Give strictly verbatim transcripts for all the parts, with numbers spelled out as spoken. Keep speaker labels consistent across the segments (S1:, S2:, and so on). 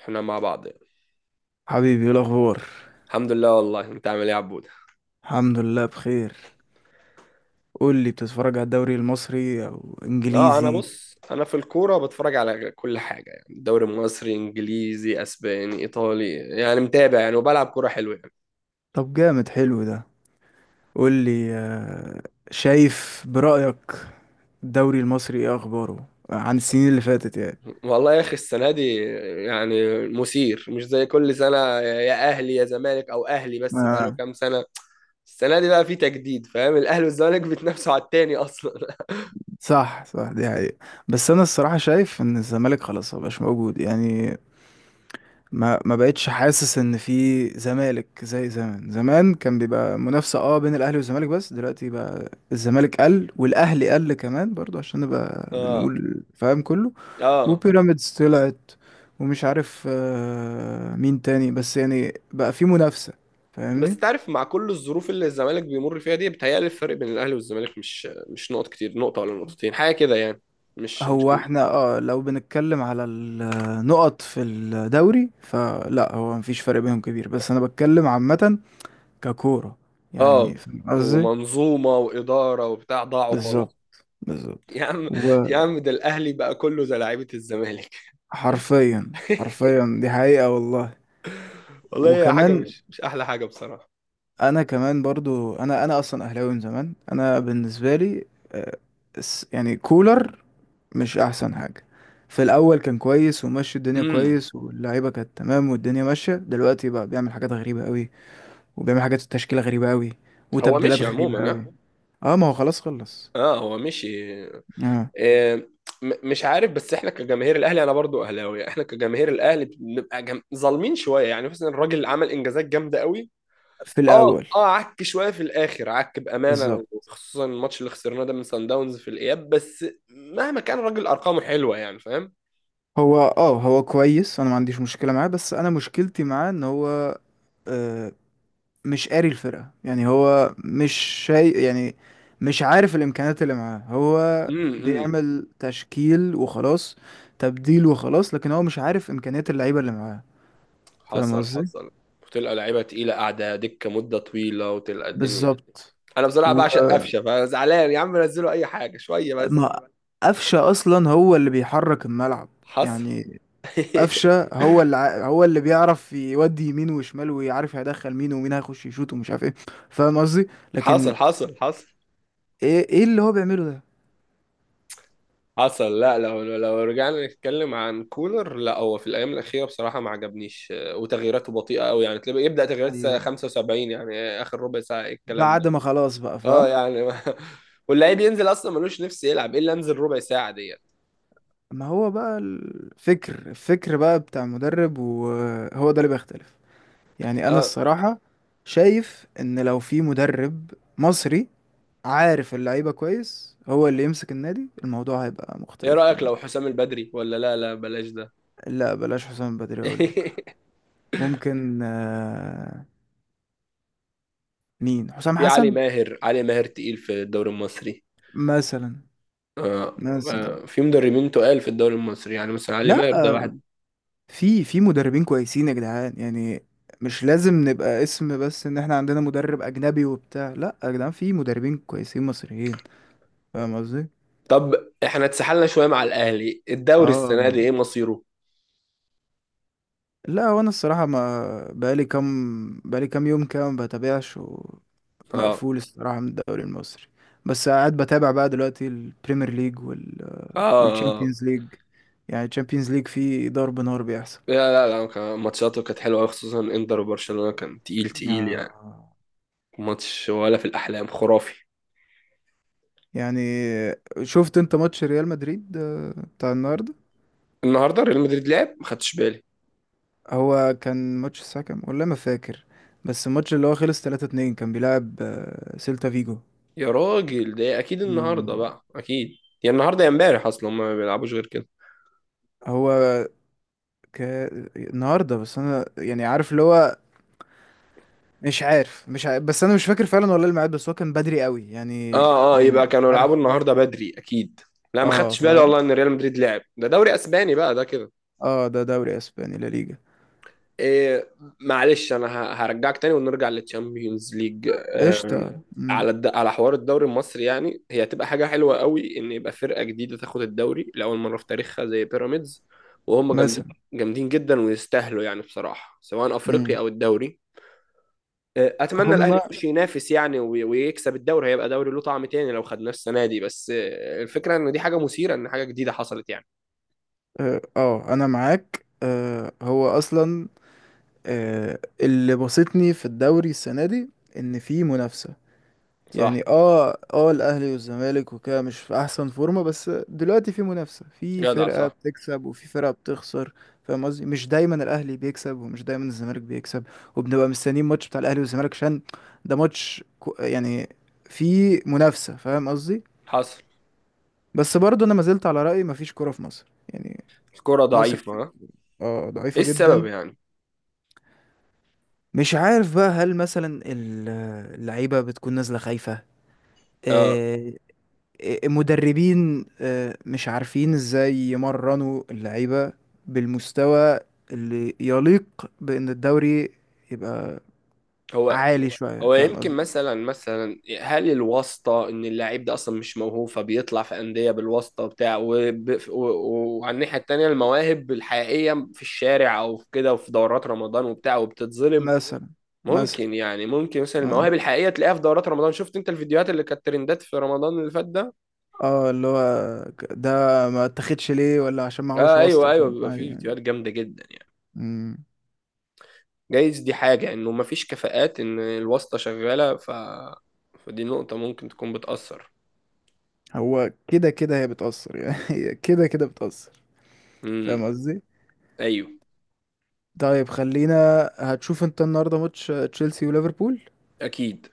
S1: احنا مع بعض يعني.
S2: حبيبي، ايه الاخبار؟
S1: الحمد لله، والله انت عامل ايه يا عبود؟
S2: الحمد لله بخير. قول لي، بتتفرج على الدوري المصري او
S1: اه، انا
S2: انجليزي؟
S1: بص، انا في الكوره بتفرج على كل حاجه يعني، دوري مصري، انجليزي، اسباني، ايطالي، يعني متابع يعني، وبلعب كوره حلوه يعني.
S2: طب جامد، حلو ده. قول لي. آه، شايف برأيك، الدوري المصري ايه اخباره عن السنين اللي فاتت؟ يعني
S1: والله يا اخي السنه دي يعني مثير، مش زي كل سنه، يا اهلي يا زمالك، او اهلي بس، بقاله
S2: آه.
S1: كام سنه. السنه دي بقى في تجديد، فاهم؟ الاهلي والزمالك بيتنافسوا على التاني اصلا.
S2: صح، صح، دي حقيقة. بس انا الصراحة شايف ان الزمالك خلاص مبقاش موجود يعني. ما ما بقتش حاسس ان في زمالك زي زمان زمان، كان بيبقى منافسة اه بين الاهلي والزمالك، بس دلوقتي بقى الزمالك قل والاهلي قل كمان برضو عشان نبقى
S1: اه.
S2: بنقول فاهم كله.
S1: اه،
S2: وبيراميدز طلعت، ومش عارف آه، مين تاني، بس يعني بقى في منافسة.
S1: بس
S2: فاهمني.
S1: تعرف مع كل الظروف اللي الزمالك بيمر فيها دي، بتهيألي الفرق بين الاهلي والزمالك مش مش نقط كتير، نقطه ولا نقطتين، حاجه كده يعني، مش مش
S2: هو
S1: كبير.
S2: احنا، اه لو بنتكلم على النقط في الدوري فلا، هو مفيش فرق بينهم كبير، بس انا بتكلم عامة ككورة،
S1: اه،
S2: يعني فاهم قصدي.
S1: ومنظومه واداره وبتاع ضاعوا خالص.
S2: بالظبط، بالظبط.
S1: يا عم، يا عم ده الاهلي بقى كله زي لعيبه الزمالك.
S2: وحرفيا، حرفيا، دي حقيقة والله.
S1: والله هي حاجه
S2: وكمان،
S1: مش مش احلى حاجه بصراحه.
S2: انا كمان برضو، انا انا اصلا اهلاوي من زمان. انا بالنسبة لي آه، الس- يعني كولر، مش احسن حاجة. في الاول كان كويس وماشي الدنيا
S1: امم
S2: كويس واللعيبة كانت تمام والدنيا ماشية، دلوقتي بقى بيعمل حاجات غريبة قوي، وبيعمل حاجات التشكيلة غريبة قوي،
S1: هو
S2: وتبديلات
S1: مشي
S2: غريبة
S1: عموما،
S2: قوي.
S1: ها؟
S2: اه، ما هو خلاص خلص.
S1: اه، هو مشي.
S2: اه،
S1: آه. م- مش عارف، بس احنا كجماهير الاهلي، انا برضو اهلاوي، احنا كجماهير الاهلي بنبقى جم... ظالمين شويه يعني، مثلا الراجل عمل انجازات جامده قوي.
S2: في
S1: اه.
S2: الاول.
S1: اه، عك شويه في الاخر، عك بامانه،
S2: بالظبط.
S1: وخصوصا الماتش اللي خسرناه ده من سان داونز في الاياب، بس مهما كان الراجل ارقامه حلوه يعني، فاهم؟
S2: هو اه هو كويس، انا ما عنديش مشكلة معاه، بس انا مشكلتي معاه ان هو آه، مش قاري الفرقة، يعني هو مش شيء يعني، مش عارف الإمكانيات اللي معاه. هو
S1: امم امم
S2: بيعمل تشكيل وخلاص، تبديل وخلاص، لكن هو مش عارف إمكانيات اللعيبة اللي معاه. فاهم
S1: حصل
S2: قصدي؟
S1: حصل، وتلقى لعيبه تقيله قاعده دكه مده طويله، وتلقى الدنيا.
S2: بالظبط.
S1: انا بصراحه بعشق
S2: وما
S1: قفشه، فانا زعلان يا عم، نزلوا اي حاجه شويه بس.
S2: قفشة أصلا هو اللي بيحرك الملعب
S1: حصل.
S2: يعني. قفشه، هو اللي ع- هو اللي بيعرف يودي يمين وشمال، ويعرف هيدخل مين ومين هيخش يشوط ومش عارف ايه. فاهم قصدي.
S1: حصل
S2: لكن
S1: حصل حصل.
S2: ايه، ايه اللي هو بيعمله ده.
S1: حصل، لا لو لو رجعنا نتكلم عن كولر، لا هو في الايام الاخيره بصراحه ما عجبنيش، آه، وتغييراته بطيئه قوي يعني، تلاقي يبدا تغييرات الساعه
S2: ايوه،
S1: خمسة وسبعين يعني، آه، اخر ربع ساعه، إيه الكلام ده؟
S2: بعد ما خلاص بقى
S1: اه
S2: فاهم.
S1: يعني ما- واللعيب ينزل اصلا ملوش نفس، يلعب ايه اللي انزل ربع ساعه ديت؟
S2: ما هو بقى الفكر الفكر بقى بتاع المدرب، وهو ده اللي بيختلف. يعني انا
S1: اه.
S2: الصراحه شايف ان لو في مدرب مصري عارف اللعيبه كويس هو اللي يمسك النادي، الموضوع هيبقى
S1: ايه
S2: مختلف
S1: رايك
S2: تمام.
S1: لو حسام البدري؟ ولا لا لا، بلاش ده.
S2: لا، بلاش حسام بدري، اقول لك. ممكن. آه، مين حسام
S1: في علي
S2: حسن؟
S1: ماهر، علي ماهر تقيل في الدوري المصري.
S2: مثلا،
S1: آه.
S2: مثلا.
S1: آه. في مدربين تقال في الدوري المصري يعني، مثلا علي
S2: لا،
S1: ماهر ده واحد.
S2: في في مدربين كويسين يا جدعان، يعني مش لازم نبقى اسم بس ان احنا عندنا مدرب اجنبي وبتاع. لا يا جدعان، في مدربين كويسين مصريين. فاهم قصدي.
S1: طب احنا اتسحلنا شويه مع الاهلي، الدوري السنه دي
S2: اه،
S1: ايه مصيره؟
S2: لا، وانا الصراحه ما بقالي كام، بقالي كام يوم كده ما بتابعش،
S1: اه.
S2: ومقفول الصراحه من الدوري المصري. بس قاعد بتابع بقى دلوقتي البريمير ليج وال
S1: اه.
S2: والتشامبيونز ليج. يعني التشامبيونز ليج فيه ضرب نار بيحصل.
S1: لا لا لا كان- ماتشاته كانت حلوه أوي، خصوصا انتر وبرشلونه كان تقيل تقيل يعني.
S2: آه.
S1: ماتش ولا في الاحلام، خرافي.
S2: يعني، شفت انت ماتش ريال مدريد آه، بتاع النهارده؟
S1: النهارده ريال مدريد لعب؟ ما خدتش بالي.
S2: هو كان ماتش الساعه كام، والله ما فاكر، بس الماتش اللي هو خلص ثلاثة اتنين كان بيلعب آه، سيلتا فيجو.
S1: يا راجل ده اكيد النهارده
S2: مم.
S1: بقى، اكيد. يا النهارده يا امبارح، اصلا هما ما بيلعبوش غير كده.
S2: هو ك... النهارده، بس انا يعني عارف اللي هو مش عارف مش عارف، بس انا مش فاكر فعلا والله الميعاد، بس هو كان بدري قوي يعني.
S1: اه اه،
S2: من
S1: يبقى كانوا يلعبوا
S2: عارف.
S1: النهارده بدري اكيد. لا ما
S2: اه
S1: خدتش بالي
S2: فاهم.
S1: والله ان ريال مدريد لعب، ده دوري اسباني بقى ده كده.
S2: اه، ده دوري اسباني، لا، ليجا.
S1: إيه، معلش انا ه- هرجعك تاني ونرجع للتشامبيونز ليج، آه،
S2: قشطه. مم.
S1: على الد... على حوار الدوري المصري يعني، هي هتبقى حاجه حلوه قوي ان يبقى فرقه جديده تاخد الدوري لاول مره في تاريخها زي بيراميدز، وهم جامدين.
S2: مثلا.
S1: جامدين جدا ويستاهلوا يعني بصراحه، سواء افريقيا
S2: مم.
S1: او الدوري. آه، اتمنى الاهلي
S2: هما.
S1: يخش ينافس يعني، وي- ويكسب الدوري، هيبقى دوري له طعم تاني لو خدناه السنه دي، بس آه، الفكره ان دي حاجه مثيره، ان حاجه جديده حصلت يعني.
S2: اه، آه، انا معاك. آه هو اصلا آه، اللي بسطني في الدوري السنة دي ان في منافسة، يعني
S1: صح.
S2: اه اه الاهلي والزمالك وكده مش في احسن فورمة، بس دلوقتي في منافسة، في
S1: جدع،
S2: فرقة
S1: صح.
S2: بتكسب وفي فرقة بتخسر. فاهم قصدي، مش دايما الاهلي بيكسب ومش دايما الزمالك بيكسب. وبنبقى مستنيين ماتش بتاع الاهلي والزمالك عشان ده ماتش كو- يعني، في منافسة. فاهم قصدي.
S1: حصل.
S2: بس برضه انا ما زلت على رأيي، مفيش كورة في مصر يعني.
S1: الكره
S2: مصر
S1: ضعيفه ها؟
S2: اه
S1: ايه
S2: ضعيفة
S1: السبب
S2: جدا.
S1: يعني؟
S2: مش عارف بقى، هل مثلا ال- اللعيبة بتكون نازلة خايفة؟
S1: آه.
S2: آه، المدربين آه، مش عارفين ازاي يمرنوا اللعيبة بالمستوى اللي يليق بأن الدوري يبقى
S1: هو
S2: عالي شوية.
S1: هو
S2: فاهم
S1: يمكن
S2: قصدي.
S1: مثلا مثلا هل الواسطة؟ إن اللاعب ده أصلا مش موهوب، فبيطلع في أندية بالواسطة وبتاع، وب- و- و- وعلى الناحية التانية المواهب الحقيقية في الشارع أو في كده وفي دورات رمضان وبتاع، وبتتظلم.
S2: مثلا، مثلا.
S1: ممكن يعني، ممكن مثلا
S2: اه
S1: المواهب الحقيقية تلاقيها في دورات رمضان. شفت أنت الفيديوهات اللي كانت ترندات في رمضان اللي فات ده؟
S2: اه اللي هو ك- ده ما اتاخدش ليه، ولا عشان معهوش
S1: آه أيوه
S2: واسطة،
S1: أيوه،
S2: فاهم؟
S1: بيبقى
S2: عادي
S1: فيه
S2: يعني.
S1: فيديوهات جامدة جدا يعني.
S2: مم.
S1: جايز دي حاجة إنه مفيش كفاءات، إن الواسطة شغالة ف... فدي نقطة ممكن تكون بتأثر.
S2: هو كده كده هي بتأثر يعني. هي كده كده بتأثر.
S1: امم.
S2: فاهم قصدي.
S1: أيوه.
S2: طيب، خلينا. هتشوف انت النهارده ماتش تشيلسي وليفربول،
S1: أكيد.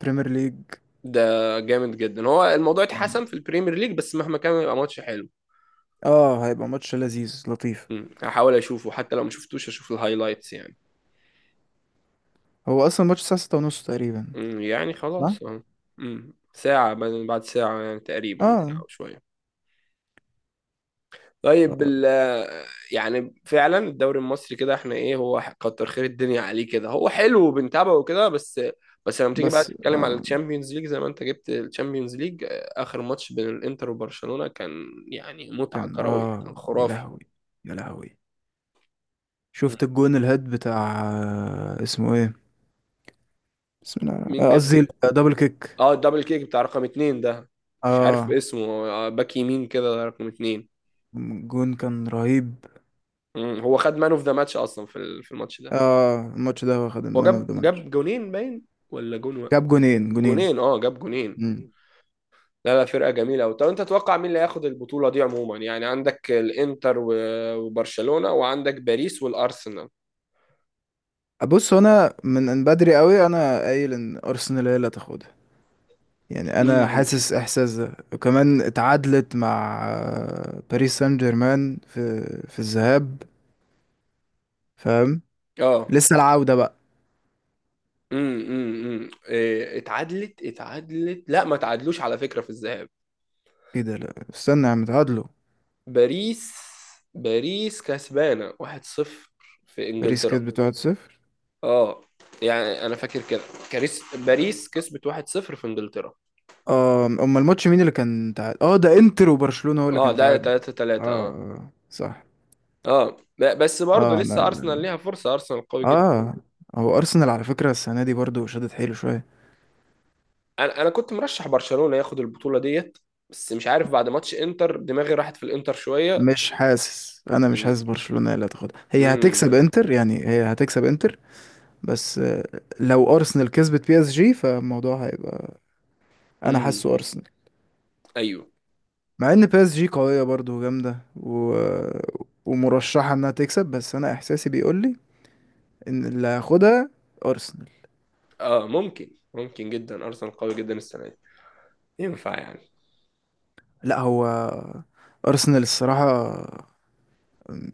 S2: بريمير ليج؟
S1: ده جامد جدا، هو الموضوع اتحسن في البريمير ليج، بس مهما كان يبقى ماتش حلو.
S2: اه، هيبقى ماتش لذيذ لطيف.
S1: مم. هحاول اشوفه، حتى لو ما شفتوش اشوف الهايلايتس يعني.
S2: هو اصلا ماتش الساعه ستة ونص تقريبا.
S1: مم. يعني
S2: صح.
S1: خلاص اه. مم. ساعة، بعد بعد ساعة يعني، تقريبا ساعة
S2: اه.
S1: وشوية. طيب
S2: آه،
S1: ال، يعني فعلا الدوري المصري كده احنا ايه، هو كتر خير الدنيا عليه كده، هو حلو وبنتابعه وكده، بس. بس لما تيجي بقى
S2: بس
S1: تتكلم على
S2: آه
S1: الشامبيونز ليج، زي ما انت جبت الشامبيونز ليج، اخر ماتش بين الانتر وبرشلونة كان يعني متعة
S2: كان
S1: كروية، كان
S2: اه يا
S1: خرافي.
S2: لهوي، يا لهوي. شفت الجون الهيد بتاع آه، اسمه ايه؟ بسم الله الرحمن-
S1: مين
S2: الرحيم. آه،
S1: جاب؟
S2: قصدي دبل كيك.
S1: اه الدبل كيك بتاع رقم اتنين ده، مش عارف
S2: اه،
S1: اسمه، آه، باك يمين كده رقم اتنين.
S2: الجون كان رهيب.
S1: مم. هو خد مان اوف ذا ماتش اصلا في ال- في الماتش ده.
S2: اه، الماتش ده واخد
S1: هو
S2: المان اوف
S1: جاب
S2: ذا ماتش.
S1: جاب جونين باين، ولا جون و...
S2: جاب جونين، جونين.
S1: جونين، اه جاب جونين. لا لا، فرقة جميلة أوي. طب أنت تتوقع مين اللي هياخد البطولة دي عموما يعني؟ عندك الإنتر و- وبرشلونة، وعندك باريس والأرسنال.
S2: بص، هو انا من من بدري قوي انا قايل ان ارسنال هي اللي هتاخدها يعني، انا
S1: امم.
S2: حاسس احساس ده، وكمان اتعادلت مع آه، باريس سان جيرمان في في الذهاب. فاهم.
S1: اه.
S2: لسه العودة بقى.
S1: امم امم إيه، اتعادلت اتعادلت، لا ما تعادلوش على فكرة في الذهاب.
S2: ايه ده، لا استنى يا عم، اتعادلوا.
S1: باريس، باريس كسبانة واحد صفر في
S2: باريس
S1: انجلترا.
S2: كسبت واحد صفر.
S1: اه، يعني انا فاكر كده. كاريس، باريس كسبت واحد صفر في انجلترا.
S2: اه، امال الماتش مين اللي كان تعادل؟ اه، ده انتر وبرشلونة هو اللي
S1: اه
S2: كان
S1: ده
S2: تعادل. اه،
S1: ثلاثة ثلاثة. اه.
S2: آه، صح.
S1: اه ب- بس برضه
S2: اه، انا.
S1: لسه ارسنال ليها فرصة، ارسنال قوي جدا.
S2: اه. هو ارسنال على فكرة السنة دي برضو شدت حيله شوية.
S1: انا انا كنت مرشح برشلونة ياخد البطولة ديت، بس مش عارف بعد ماتش انتر دماغي راحت في الانتر شوية.
S2: مش حاسس، انا مش
S1: امم.
S2: حاسس برشلونة هي اللي هتاخدها، هي هتكسب
S1: امم.
S2: انتر، يعني هي هتكسب انتر. بس آه، لو ارسنال كسبت بي اس جي فالموضوع هيبقى. انا
S1: امم.
S2: حاسه ارسنال.
S1: ايوه.
S2: مع ان بي اس جي قوية برضه وجامدة و... ومرشحة انها تكسب، بس انا احساسي بيقول لي ان اللي هياخدها ارسنال.
S1: اه، ممكن، ممكن جدا ارسنال قوي جدا السنة دي، ينفع يعني.
S2: لا، هو ارسنال الصراحة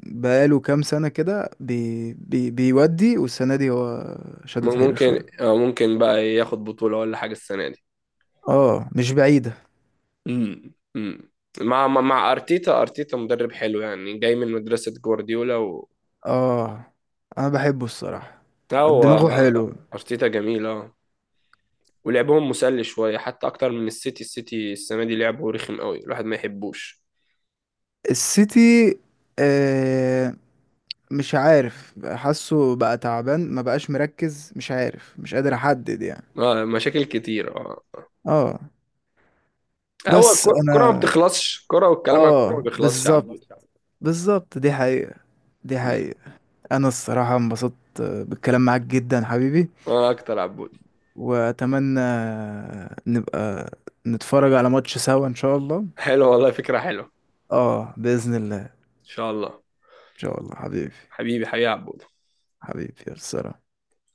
S2: بقاله كام سنة كده بي... بي... بيودي، والسنة دي هو شدد حيله شوية.
S1: ممكن، آه، ممكن بقى ياخد بطولة ولا حاجة السنة دي.
S2: اه، مش بعيدة.
S1: امم امم مع مع مع ارتيتا. ارتيتا مدرب حلو يعني، جاي من مدرسة جوارديولا و...
S2: اه، انا بحبه الصراحة،
S1: لا، هو
S2: دماغه حلو.
S1: ارتيتا جميل اه. ولعبهم مسلي شوية، حتى اكتر من السيتي. السيتي السنة دي لعبه رخم قوي، الواحد ما يحبوش.
S2: السيتي آه مش عارف، حاسه بقى تعبان، ما بقاش مركز، مش عارف، مش قادر احدد يعني.
S1: اه مشاكل كتير، اه.
S2: اه.
S1: هو
S2: بس
S1: الكرة الكرة ما
S2: انا،
S1: بتخلصش كرة، والكلام عن الكرة ما
S2: اه
S1: بيخلصش يا عبود.
S2: بالظبط. بالظبط، دي حقيقة، دي
S1: مم.
S2: حقيقة. انا الصراحة انبسطت بالكلام معاك جدا حبيبي.
S1: انا اكتر، عبود.
S2: واتمنى نبقى نتفرج على ماتش سوا ان شاء الله.
S1: حلو والله، فكرة حلوة. ان
S2: اه، بإذن الله.
S1: شاء الله
S2: ان شاء الله حبيبي.
S1: حبيبي. حبيبي، يا عبود.
S2: حبيبي يا سلام.